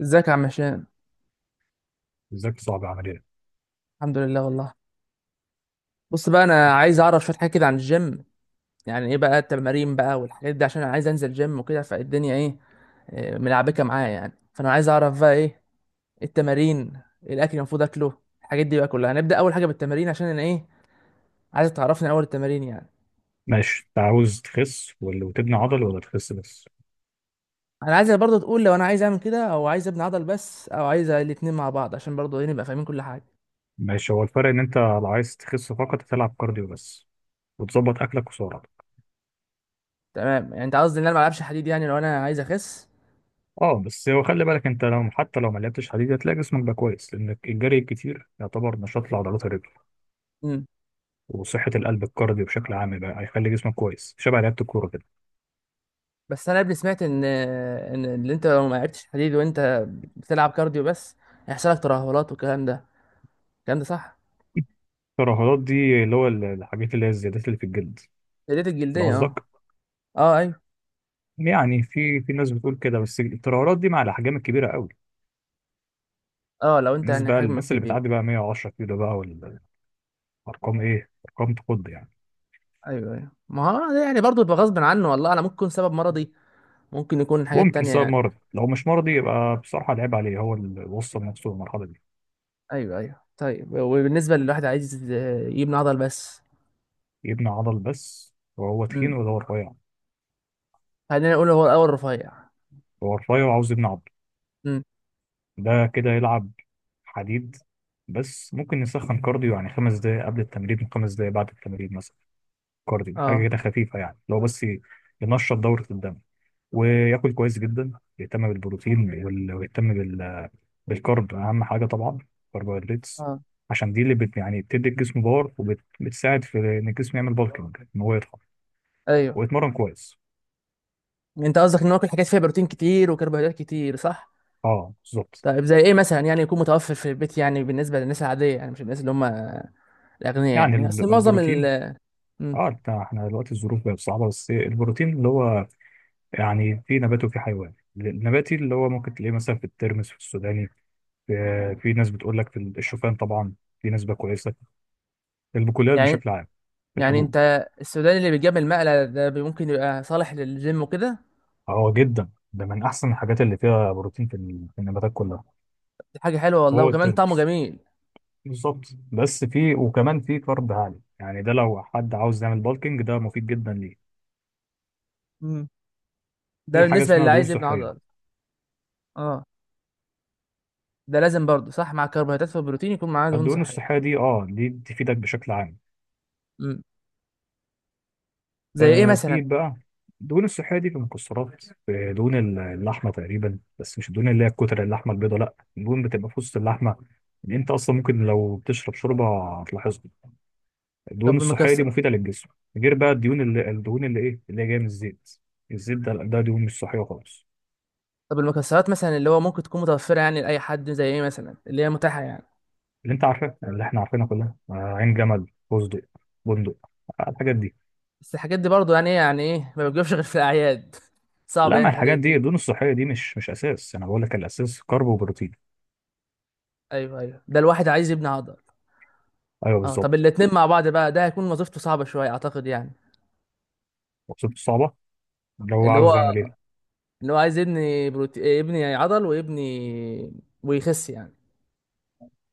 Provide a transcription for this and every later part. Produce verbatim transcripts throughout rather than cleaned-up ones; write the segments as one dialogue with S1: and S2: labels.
S1: ازيك يا عم هشام؟
S2: بالذات صعب عمليا.
S1: الحمد لله والله. بص بقى، انا عايز اعرف شويه حاجات كده عن الجيم. يعني ايه بقى التمارين بقى والحاجات دي، عشان انا عايز انزل جيم وكده، فالدنيا ايه؟ آه، ملعبكه معايا يعني، فانا عاز اعرف بقى ايه التمارين، إيه الاكل اللي المفروض اكله، الحاجات دي بقى كلها. هنبدا اول حاجه بالتمارين، عشان انا ايه، عايز تعرفني اول التمارين يعني.
S2: ماشي، انت عاوز تخس ولا وتبني عضل، ولا تخس بس؟
S1: انا عايزك برضه تقول لو انا عايز اعمل كده، او عايز ابني عضل بس، او عايز الاتنين مع بعض، عشان برضه ايه نبقى فاهمين كل حاجه.
S2: ماشي، هو الفرق ان انت لو عايز تخس فقط تلعب كارديو بس وتظبط اكلك وسعراتك.
S1: تمام، يعني انت قصدي ان انا ما العبش حديد يعني لو انا عايز اخس.
S2: اه، بس هو خلي بالك، انت لو حتى لو ما لعبتش حديد هتلاقي جسمك بقى كويس، لان الجري الكتير يعتبر نشاط لعضلات الرجل وصحة القلب. الكارديو بشكل عام بقى هيخلي جسمك كويس، شبه لعبة الكورة كده.
S1: بس انا قبل سمعت ان ان اللي انت لو ما لعبتش حديد وانت بتلعب كارديو بس هيحصل لك ترهلات والكلام ده، الكلام ده صح؟
S2: الترهلات دي اللي هو الحاجات اللي هي الزيادات اللي في الجلد،
S1: ديت
S2: ده
S1: الجلديه، اه.
S2: قصدك؟
S1: اه، ايوه.
S2: يعني في في ناس بتقول كده، بس الترهلات دي مع الاحجام الكبيرة قوي.
S1: اه، لو انت
S2: الناس
S1: يعني
S2: بقى
S1: حجمك
S2: الناس اللي
S1: كبير.
S2: بتعدي بقى مية وعشرة كيلو بقى، والارقام ايه، ارقام تخض يعني.
S1: ايوه، ايوه، ما هو ده يعني برضه يبقى غصب عنه والله، انا ممكن يكون سبب مرضي، ممكن يكون حاجات
S2: ممكن
S1: تانية
S2: سبب
S1: يعني.
S2: مرضي، لو مش مرضي يبقى بصراحه العيب عليه هو اللي وصل نفسه للمرحله دي.
S1: ايوه، ايوه، طيب وبالنسبه للواحد عايز يبني عضل بس.
S2: يبني عضل بس وهو تخين
S1: امم.
S2: ولا هو رفيع؟
S1: خلينا نقول هو الاول رفيع.
S2: هو رفيع وعاوز يبني عضل،
S1: امم.
S2: ده كده يلعب حديد، بس ممكن يسخن كارديو يعني خمس دقايق قبل التمرين وخمس دقايق بعد التمرين مثلا. كارديو
S1: اه.
S2: حاجه كده خفيفه، يعني لو بس ي- ينشط دوره الدم وياكل كويس جدا، يهتم بالبروتين وال- ويهتم بالكرب، اهم حاجه طبعا الكربوهيدرات،
S1: اه،
S2: عشان دي اللي بت يعني بتدي الجسم باور، وبتساعد في ان الجسم يعمل بالكينج، ان هو يضخم
S1: ايوه.
S2: ويتمرن كويس.
S1: انت قصدك ان هو كل حاجات فيها بروتين كتير وكربوهيدرات كتير، صح؟
S2: اه، بالظبط.
S1: طيب زي ايه مثلا يعني يكون متوفر في البيت، يعني بالنسبه للناس العاديه يعني، مش الناس اللي هم الاغنياء
S2: يعني
S1: يعني، اصل
S2: ال-
S1: معظم
S2: البروتين،
S1: ال. مم.
S2: اه، إنت- احنا دلوقتي الظروف بقت صعبه، بس البروتين اللي هو يعني في نبات وفي حيوان. النباتي اللي هو ممكن تلاقيه مثلا في الترمس، في السوداني، في, في ناس بتقول لك في الشوفان طبعا، في نسبه كويسه. البقوليات
S1: يعني
S2: بشكل عام،
S1: يعني
S2: الحبوب،
S1: انت السوداني اللي بيجيب المقلة ده بي- ممكن يبقى صالح للجيم وكده؟
S2: اه، جدا، ده من احسن الحاجات اللي فيها بروتين في ال- في النباتات كلها.
S1: دي حاجه حلوه والله،
S2: هو
S1: وكمان طعمه
S2: الترمس
S1: جميل.
S2: بالظبط، بس في وكمان في كارب عالي، يعني ده لو حد عاوز يعمل بالكينج ده مفيد جدا ليه.
S1: مم. ده
S2: في حاجه
S1: بالنسبه
S2: اسمها
S1: للي
S2: دهون
S1: عايز يبني
S2: صحيه.
S1: عضل. اه. ده لازم برضه صح مع الكربوهيدرات والبروتين يكون معاه دهون
S2: الدهون
S1: صحيه؟
S2: الصحيه دي، اه، دي تفيدك بشكل عام.
S1: مم. زي ايه
S2: آه
S1: مثلا؟
S2: في بقى الدهون الصحيه دي في المكسرات، في دهون ال- اللحمه تقريبا، بس مش الدهون اللي هي الكتل، اللحمه البيضاء لا، الدهون بتبقى في وسط اللحمه، اللي انت اصلا ممكن لو بتشرب شوربه هتلاحظها. الدهون
S1: طب
S2: الصحيه دي
S1: المكسر
S2: مفيده للجسم، غير بقى الدهون اللي الدهون اللي ايه اللي هي جايه من الزيت. الزيت ده ده دهون مش صحيه خالص.
S1: طب المكسرات مثلا اللي هو ممكن تكون متوفره يعني لاي حد، زي ايه مثلا اللي هي متاحه يعني؟
S2: اللي انت عارفاه، اللي احنا عارفينها كلها، آه، عين جمل، فستق، بندق، آه، الحاجات دي.
S1: بس الحاجات دي برضو يعني ايه، يعني ايه ما بتجيبش غير في الاعياد صعب
S2: لا، ما
S1: يعني حد
S2: الحاجات دي
S1: يكون.
S2: الدهون الصحيه دي مش مش اساس، انا بقول لك الاساس كارب وبروتين.
S1: ايوه، ايوه، ده الواحد عايز يبني عضل.
S2: ايوه،
S1: اه، طب
S2: بالظبط.
S1: الاتنين مع بعض بقى ده هيكون وظيفته صعبة شوية اعتقد يعني.
S2: وصفته صعبه، اللي هو
S1: اللي هو
S2: عاوز يعمل ايه؟
S1: اللي هو عايز يبني بروتي... آه، يبني عضل ويبني ويخس يعني.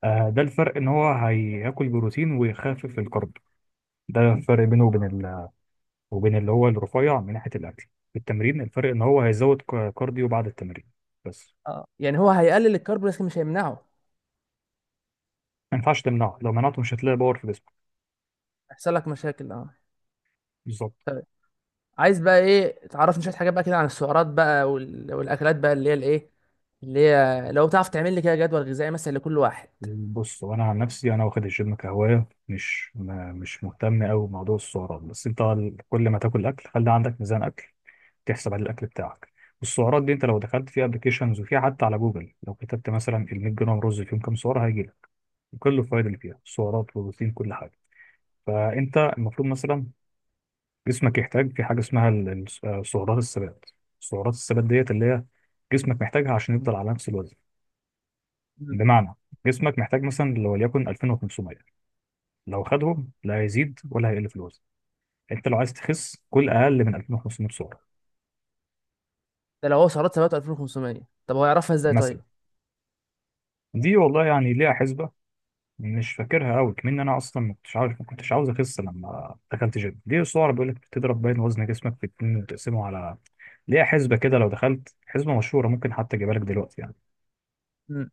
S2: آه، ده الفرق، ان هو هياكل بروتين ويخفف الكارب. ده الفرق بينه وبين ال... وبين اللي هو الرفيع من ناحيه الاكل. في التمرين، الفرق ان هو هيزود ك- كارديو بعد التمرين بس.
S1: اه، يعني هو هيقلل الكرب لكن مش هيمنعه.
S2: ما ينفعش تمنعه، لو منعته مش هتلاقي باور في جسمك.
S1: هيحصل لك مشاكل، اه.
S2: بالظبط.
S1: عايز بقى ايه تعرفني شوية حاجات بقى كده عن السعرات بقى وال... والاكلات بقى اللي هي الايه، اللي هي لو تعرف تعمل لي كده جدول غذائي مثلا لكل واحد.
S2: بص، وانا عن نفسي انا واخد الجيم كهوايه، مش ما مش مهتم قوي بموضوع السعرات، بس انت ال- كل ما تاكل اكل خلي عندك ميزان اكل تحسب عليه الاكل بتاعك. والسعرات دي انت لو دخلت في ابلكيشنز، وفي حتى على جوجل لو كتبت مثلا ال مية جرام رز فيهم كام سعره هيجي لك، وكل الفوائد اللي فيها سعرات وبروتين، كل حاجه. فانت المفروض مثلا جسمك يحتاج في حاجه اسمها ال- ال- آه، سعرات الثبات. سعرات الثبات ديت اللي هي جسمك محتاجها عشان يفضل على نفس الوزن.
S1: مم.
S2: بمعنى، جسمك محتاج مثلا لو وليكن الفين وخمسمية، لو خدهم لا هيزيد ولا هيقل في الوزن. انت لو عايز تخس كل اقل من الفين وخمسمية سعره
S1: ده لو هو سعرات ثابته ألفين وخمسمية، طب هو يعرفها ازاي
S2: مثلا.
S1: طيب؟
S2: دي والله يعني ليها حسبه، مش فاكرها قوي، كمان انا اصلا ما كنتش عارف، ما كنتش عاوز اخس لما دخلت جيم. دي السعره بيقول لك بتضرب، باين وزن جسمك في اتنين وتقسمه على، ليها حسبه كده. لو دخلت حسبه مشهوره ممكن حتى اجيبها لك دلوقتي يعني.
S1: مم.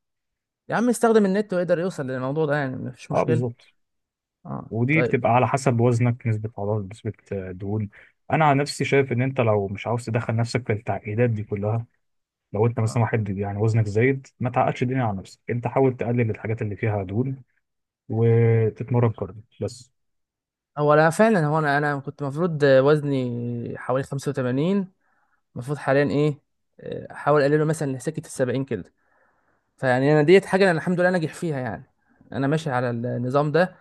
S1: يا عم يستخدم النت ويقدر يوصل للموضوع ده يعني، مفيش
S2: اه،
S1: مشكلة.
S2: بالظبط.
S1: اه،
S2: ودي
S1: طيب.
S2: بتبقى على حسب وزنك، نسبه عضلات، نسبه آه، دهون. انا عن نفسي شايف ان انت لو مش عاوز تدخل نفسك في التعقيدات دي كلها، لو انت مثلا
S1: اه،
S2: واحد يعني وزنك زايد، ما تعقدش الدنيا على نفسك، انت حاول تقلل الحاجات اللي فيها دهون وتتمرن كارديو بس.
S1: هو انا فعلا، هو انا انا كنت المفروض وزني حوالي خمسة وتمانين، المفروض حاليا ايه، آه، احاول اقلله مثلا لسكة السبعين كده. فيعني انا ديت حاجة انا الحمد لله ناجح فيها يعني، انا ماشي على النظام ده.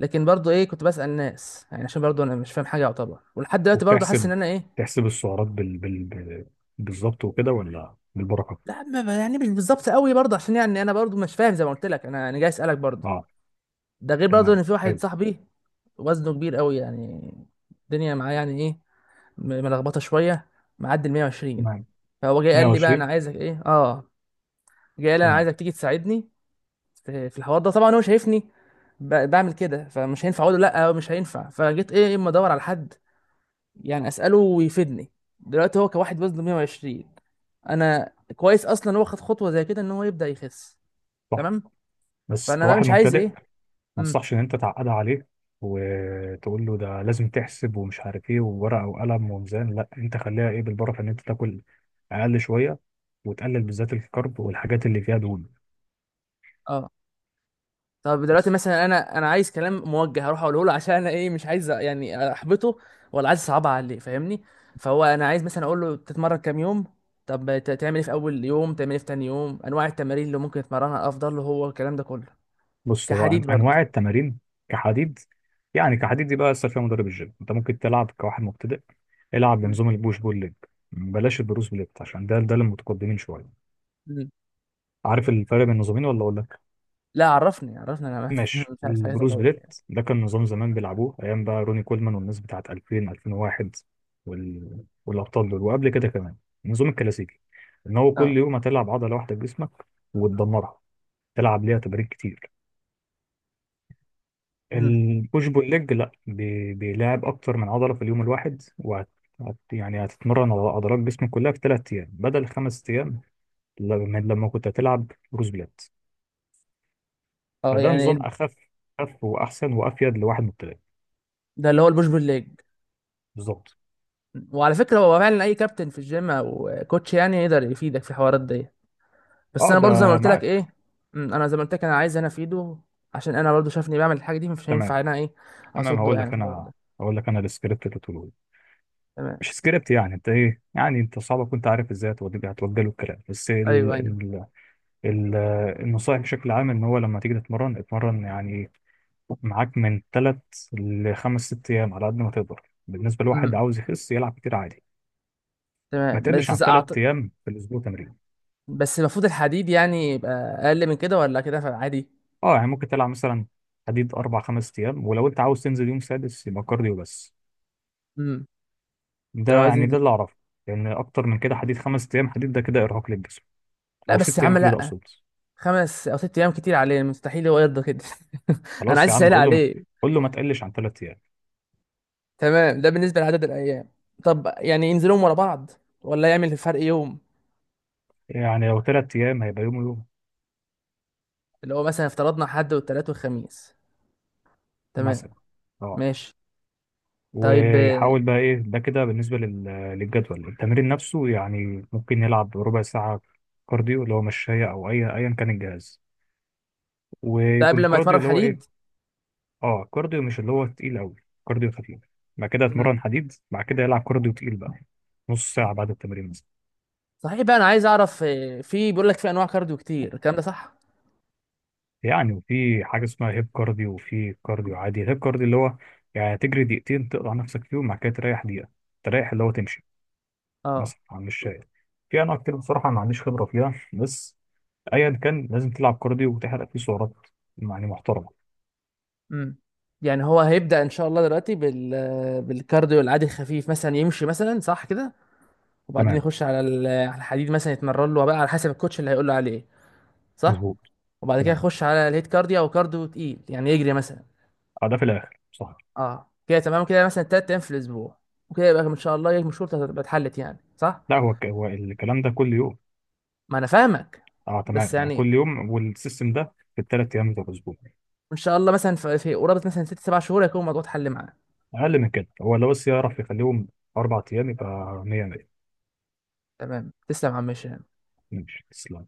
S1: لكن برضو ايه، كنت بسأل ناس يعني عشان برضو انا مش فاهم حاجة يعتبر، ولحد دلوقتي برضو حاسس ان
S2: وبتحسب
S1: انا ايه.
S2: تحسب السعرات بال... بال... بال- بالظبط وكده، ولا بالبركه؟
S1: لا، ما- ما- يعني مش بالظبط قوي برضو، عشان يعني انا برضو مش فاهم زي ما قلت لك، انا انا جاي اسألك برضو.
S2: اه،
S1: ده غير برضه
S2: تمام،
S1: ان في واحد
S2: حلو.
S1: صاحبي وزنه كبير قوي يعني، الدنيا معاه يعني ايه، م- ملخبطه شويه، معدي ال مية وعشرين.
S2: تمام.
S1: فهو جاي قال لي بقى انا
S2: مية وعشرين.
S1: عايزك ايه، اه جاي قال لي انا
S2: تمام،
S1: عايزك تيجي تساعدني في في الحوار ده. طبعا هو شايفني ب- بعمل كده، فمش هينفع اقول له لا، مش هينفع، فجيت ايه اما ادور على حد يعني اساله ويفيدني. دلوقتي هو كواحد وزنه مية وعشرين، انا كويس اصلا هو خد خطوه زي كده ان هو يبدا يخس.
S2: صح،
S1: تمام.
S2: بس
S1: فانا بقى
S2: كواحد
S1: مش عايز
S2: مبتدئ
S1: ايه.
S2: ما
S1: امم.
S2: انصحش ان انت تعقدها عليه وتقول له ده لازم تحسب، ومش عارف ايه، وورقه وقلم وميزان، لا، انت خليها ايه، بالبركه، ان انت تاكل اقل شويه وتقلل بالذات الكرب والحاجات اللي فيها دهون.
S1: اه، طب دلوقتي
S2: بس.
S1: مثلا انا انا عايز كلام موجه هروح اقوله له، عشان انا ايه مش عايز يعني احبطه، ولا عايز اصعبها عليه، فاهمني؟ فهو انا عايز مثلا اقول له تتمرن كام يوم، طب ت- تعمل ايه في اول يوم، تعمل ايه في تاني يوم، انواع التمارين اللي ممكن يتمرنها افضل له، هو الكلام ده كله
S2: بص، هو أن-
S1: كحديد برضه.
S2: انواع التمارين كحديد، يعني كحديد دي بقى لسه فيها مدرب الجيم. انت ممكن تلعب كواحد مبتدئ، العب
S1: م.
S2: بنظام البوش بول ليج، بلاش البروس بليت عشان ده ده للمتقدمين شويه.
S1: م.
S2: عارف الفرق بين النظامين ولا اقول لك؟
S1: لا، عرفني عرفني انا بس
S2: ماشي،
S1: مش عارف حاجه
S2: البروس
S1: تعتبر يعني.
S2: بليت ده كان نظام زمان بيلعبوه ايام بقى روني كولمان، والناس بتاعت الفين الفين وواحد وال... والابطال دول وقبل كده كمان، النظام الكلاسيكي، ان هو
S1: اه
S2: كل يوم هتلعب عضله واحده بجسمك وتدمرها، تلعب ليها تمارين كتير.
S1: م.
S2: البوش بول ليج لا، بي- بيلعب اكتر من عضله في اليوم الواحد، وهت هت- يعني هتتمرن على عضلات جسمك كلها في ثلاث ايام بدل خمس ايام، لما لما كنت هتلعب بروس بلات.
S1: اه
S2: فده
S1: يعني
S2: نظام
S1: ال-
S2: اخف، اخف واحسن وافيد لواحد مبتدئ.
S1: ده اللي هو البوش بول ليج.
S2: بالظبط.
S1: وعلى فكره هو فعلا اي كابتن في الجيم او كوتش يعني يقدر يفيدك في الحوارات دي، بس
S2: اه،
S1: انا برضو زي ما
S2: ده
S1: قلت لك
S2: معاك.
S1: ايه. مم، انا زي ما قلت لك انا عايز انا افيده، عشان انا برضو شافني بعمل الحاجه دي مش
S2: تمام.
S1: هينفع انا ايه،
S2: تمام،
S1: اصده
S2: هقول
S1: يعني
S2: لك
S1: في الحوار
S2: انا
S1: ده.
S2: هقول لك انا السكريبت اللي تقوله لي.
S1: تمام.
S2: مش سكريبت يعني، انت ايه يعني، انت صعب كنت عارف ازاي هتوجه هتوجه له الكلام، بس ال...
S1: ايوه، ايوه.
S2: ال... ال... النصائح بشكل عام، ان هو لما تيجي تتمرن اتمرن يعني، معاك من تلات لخمس ست أيام على قد ما تقدر. بالنسبة لواحد
S1: امم.
S2: عاوز يخس يلعب كتير عادي، ما
S1: تمام.
S2: تقلش
S1: بس
S2: عن
S1: إذا أعت...
S2: تلات أيام في الأسبوع تمرين.
S1: بس المفروض الحديد يعني يبقى اقل من كده، ولا كده عادي؟
S2: أه، يعني ممكن تلعب مثلا حديد أربع خمس أيام، ولو أنت عاوز تنزل يوم سادس يبقى كارديو بس.
S1: امم. ده
S2: ده
S1: لو عايز
S2: يعني ده
S1: ينزل.
S2: اللي أعرفه، لأن أكتر من كده حديد، خمس أيام حديد ده كده إرهاق للجسم،
S1: لا،
S2: أو
S1: بس يا
S2: ست
S1: عم
S2: أيام حديد
S1: لا،
S2: أقصد.
S1: خمس او ست ايام كتير عليه، مستحيل هو يرضى كده انا
S2: خلاص
S1: عايز
S2: يا عم،
S1: اسهل
S2: قول له
S1: عليه.
S2: قول له ما تقلش عن تلات أيام.
S1: تمام، ده بالنسبه لعدد الايام، طب يعني ينزلهم ورا بعض ولا يعمل فرق يوم؟
S2: يعني لو تلات أيام هيبقى يوم ويوم
S1: اللي هو مثلا افترضنا حد والتلات والخميس. تمام.
S2: مثلا. أه،
S1: ماشي. طيب. آه،
S2: ويحاول بقى ايه، ده كده بالنسبه لل- للجدول. التمرين نفسه يعني ممكن يلعب ربع ساعه كارديو، اللي هو مشاية او اي ايا كان الجهاز،
S1: ده قبل
S2: ويكون
S1: ما
S2: كارديو
S1: اتمرن
S2: اللي هو ايه؟
S1: حديد.
S2: اه، كارديو مش اللي هو تقيل قوي، كارديو خفيف، بعد كده
S1: مم.
S2: يتمرن حديد، بعد كده يلعب كارديو تقيل بقى، نص ساعه بعد التمرين مثلا.
S1: صحيح بقى، انا عايز اعرف آه، في بيقول لك في انواع كارديو كتير، الكلام ده صح؟
S2: يعني، وفي حاجه اسمها هيب كارديو، وفي كارديو عادي. هيب كارديو اللي هو يعني تجري دقيقتين تقطع نفسك فيهم، بعد كده تريح دقيقه، تريح اللي هو تمشي
S1: اه.
S2: مثلا على المشاية. في انواع كتير بصراحه ما عنديش خبره فيها، بس ايا كان لازم تلعب كارديو وتحرق فيه سعرات يعني محترمه.
S1: امم. يعني هو هيبدأ ان شاء الله دلوقتي بال آه، بالكارديو العادي الخفيف مثلا، يمشي مثلا صح كده، وبعدين
S2: تمام،
S1: يخش على ال- آه، على الحديد مثلا يتمرن له بقى على حسب الكوتش اللي هيقول له عليه، صح؟
S2: مظبوط.
S1: وبعد كده
S2: تمام.
S1: يخش على الهيت كارديو او كارديو تقيل يعني، يجري مثلا.
S2: اه، ده في الاخر صح.
S1: اه كده تمام، كده مثلا تلات ايام في الاسبوع وكده يبقى ان شاء الله مشكلتك هتبقى اتحلت يعني صح.
S2: لا، هو الك- هو الكلام ده كل يوم.
S1: ما انا فاهمك.
S2: اه،
S1: بس
S2: تمام، يعني
S1: يعني،
S2: كل يوم، والسيستم ده في الثلاث ايام بتوع الاسبوع.
S1: وان شاء الله مثلا في في قرابه مثلا ست سبع شهور هيكون الموضوع اتحل معاه.
S2: اقل من كده هو لو بس يعرف يخليهم اربع ايام يبقى مية مية.
S1: تمام، تسلم يا عم هشام.
S2: ماشي، تسلم.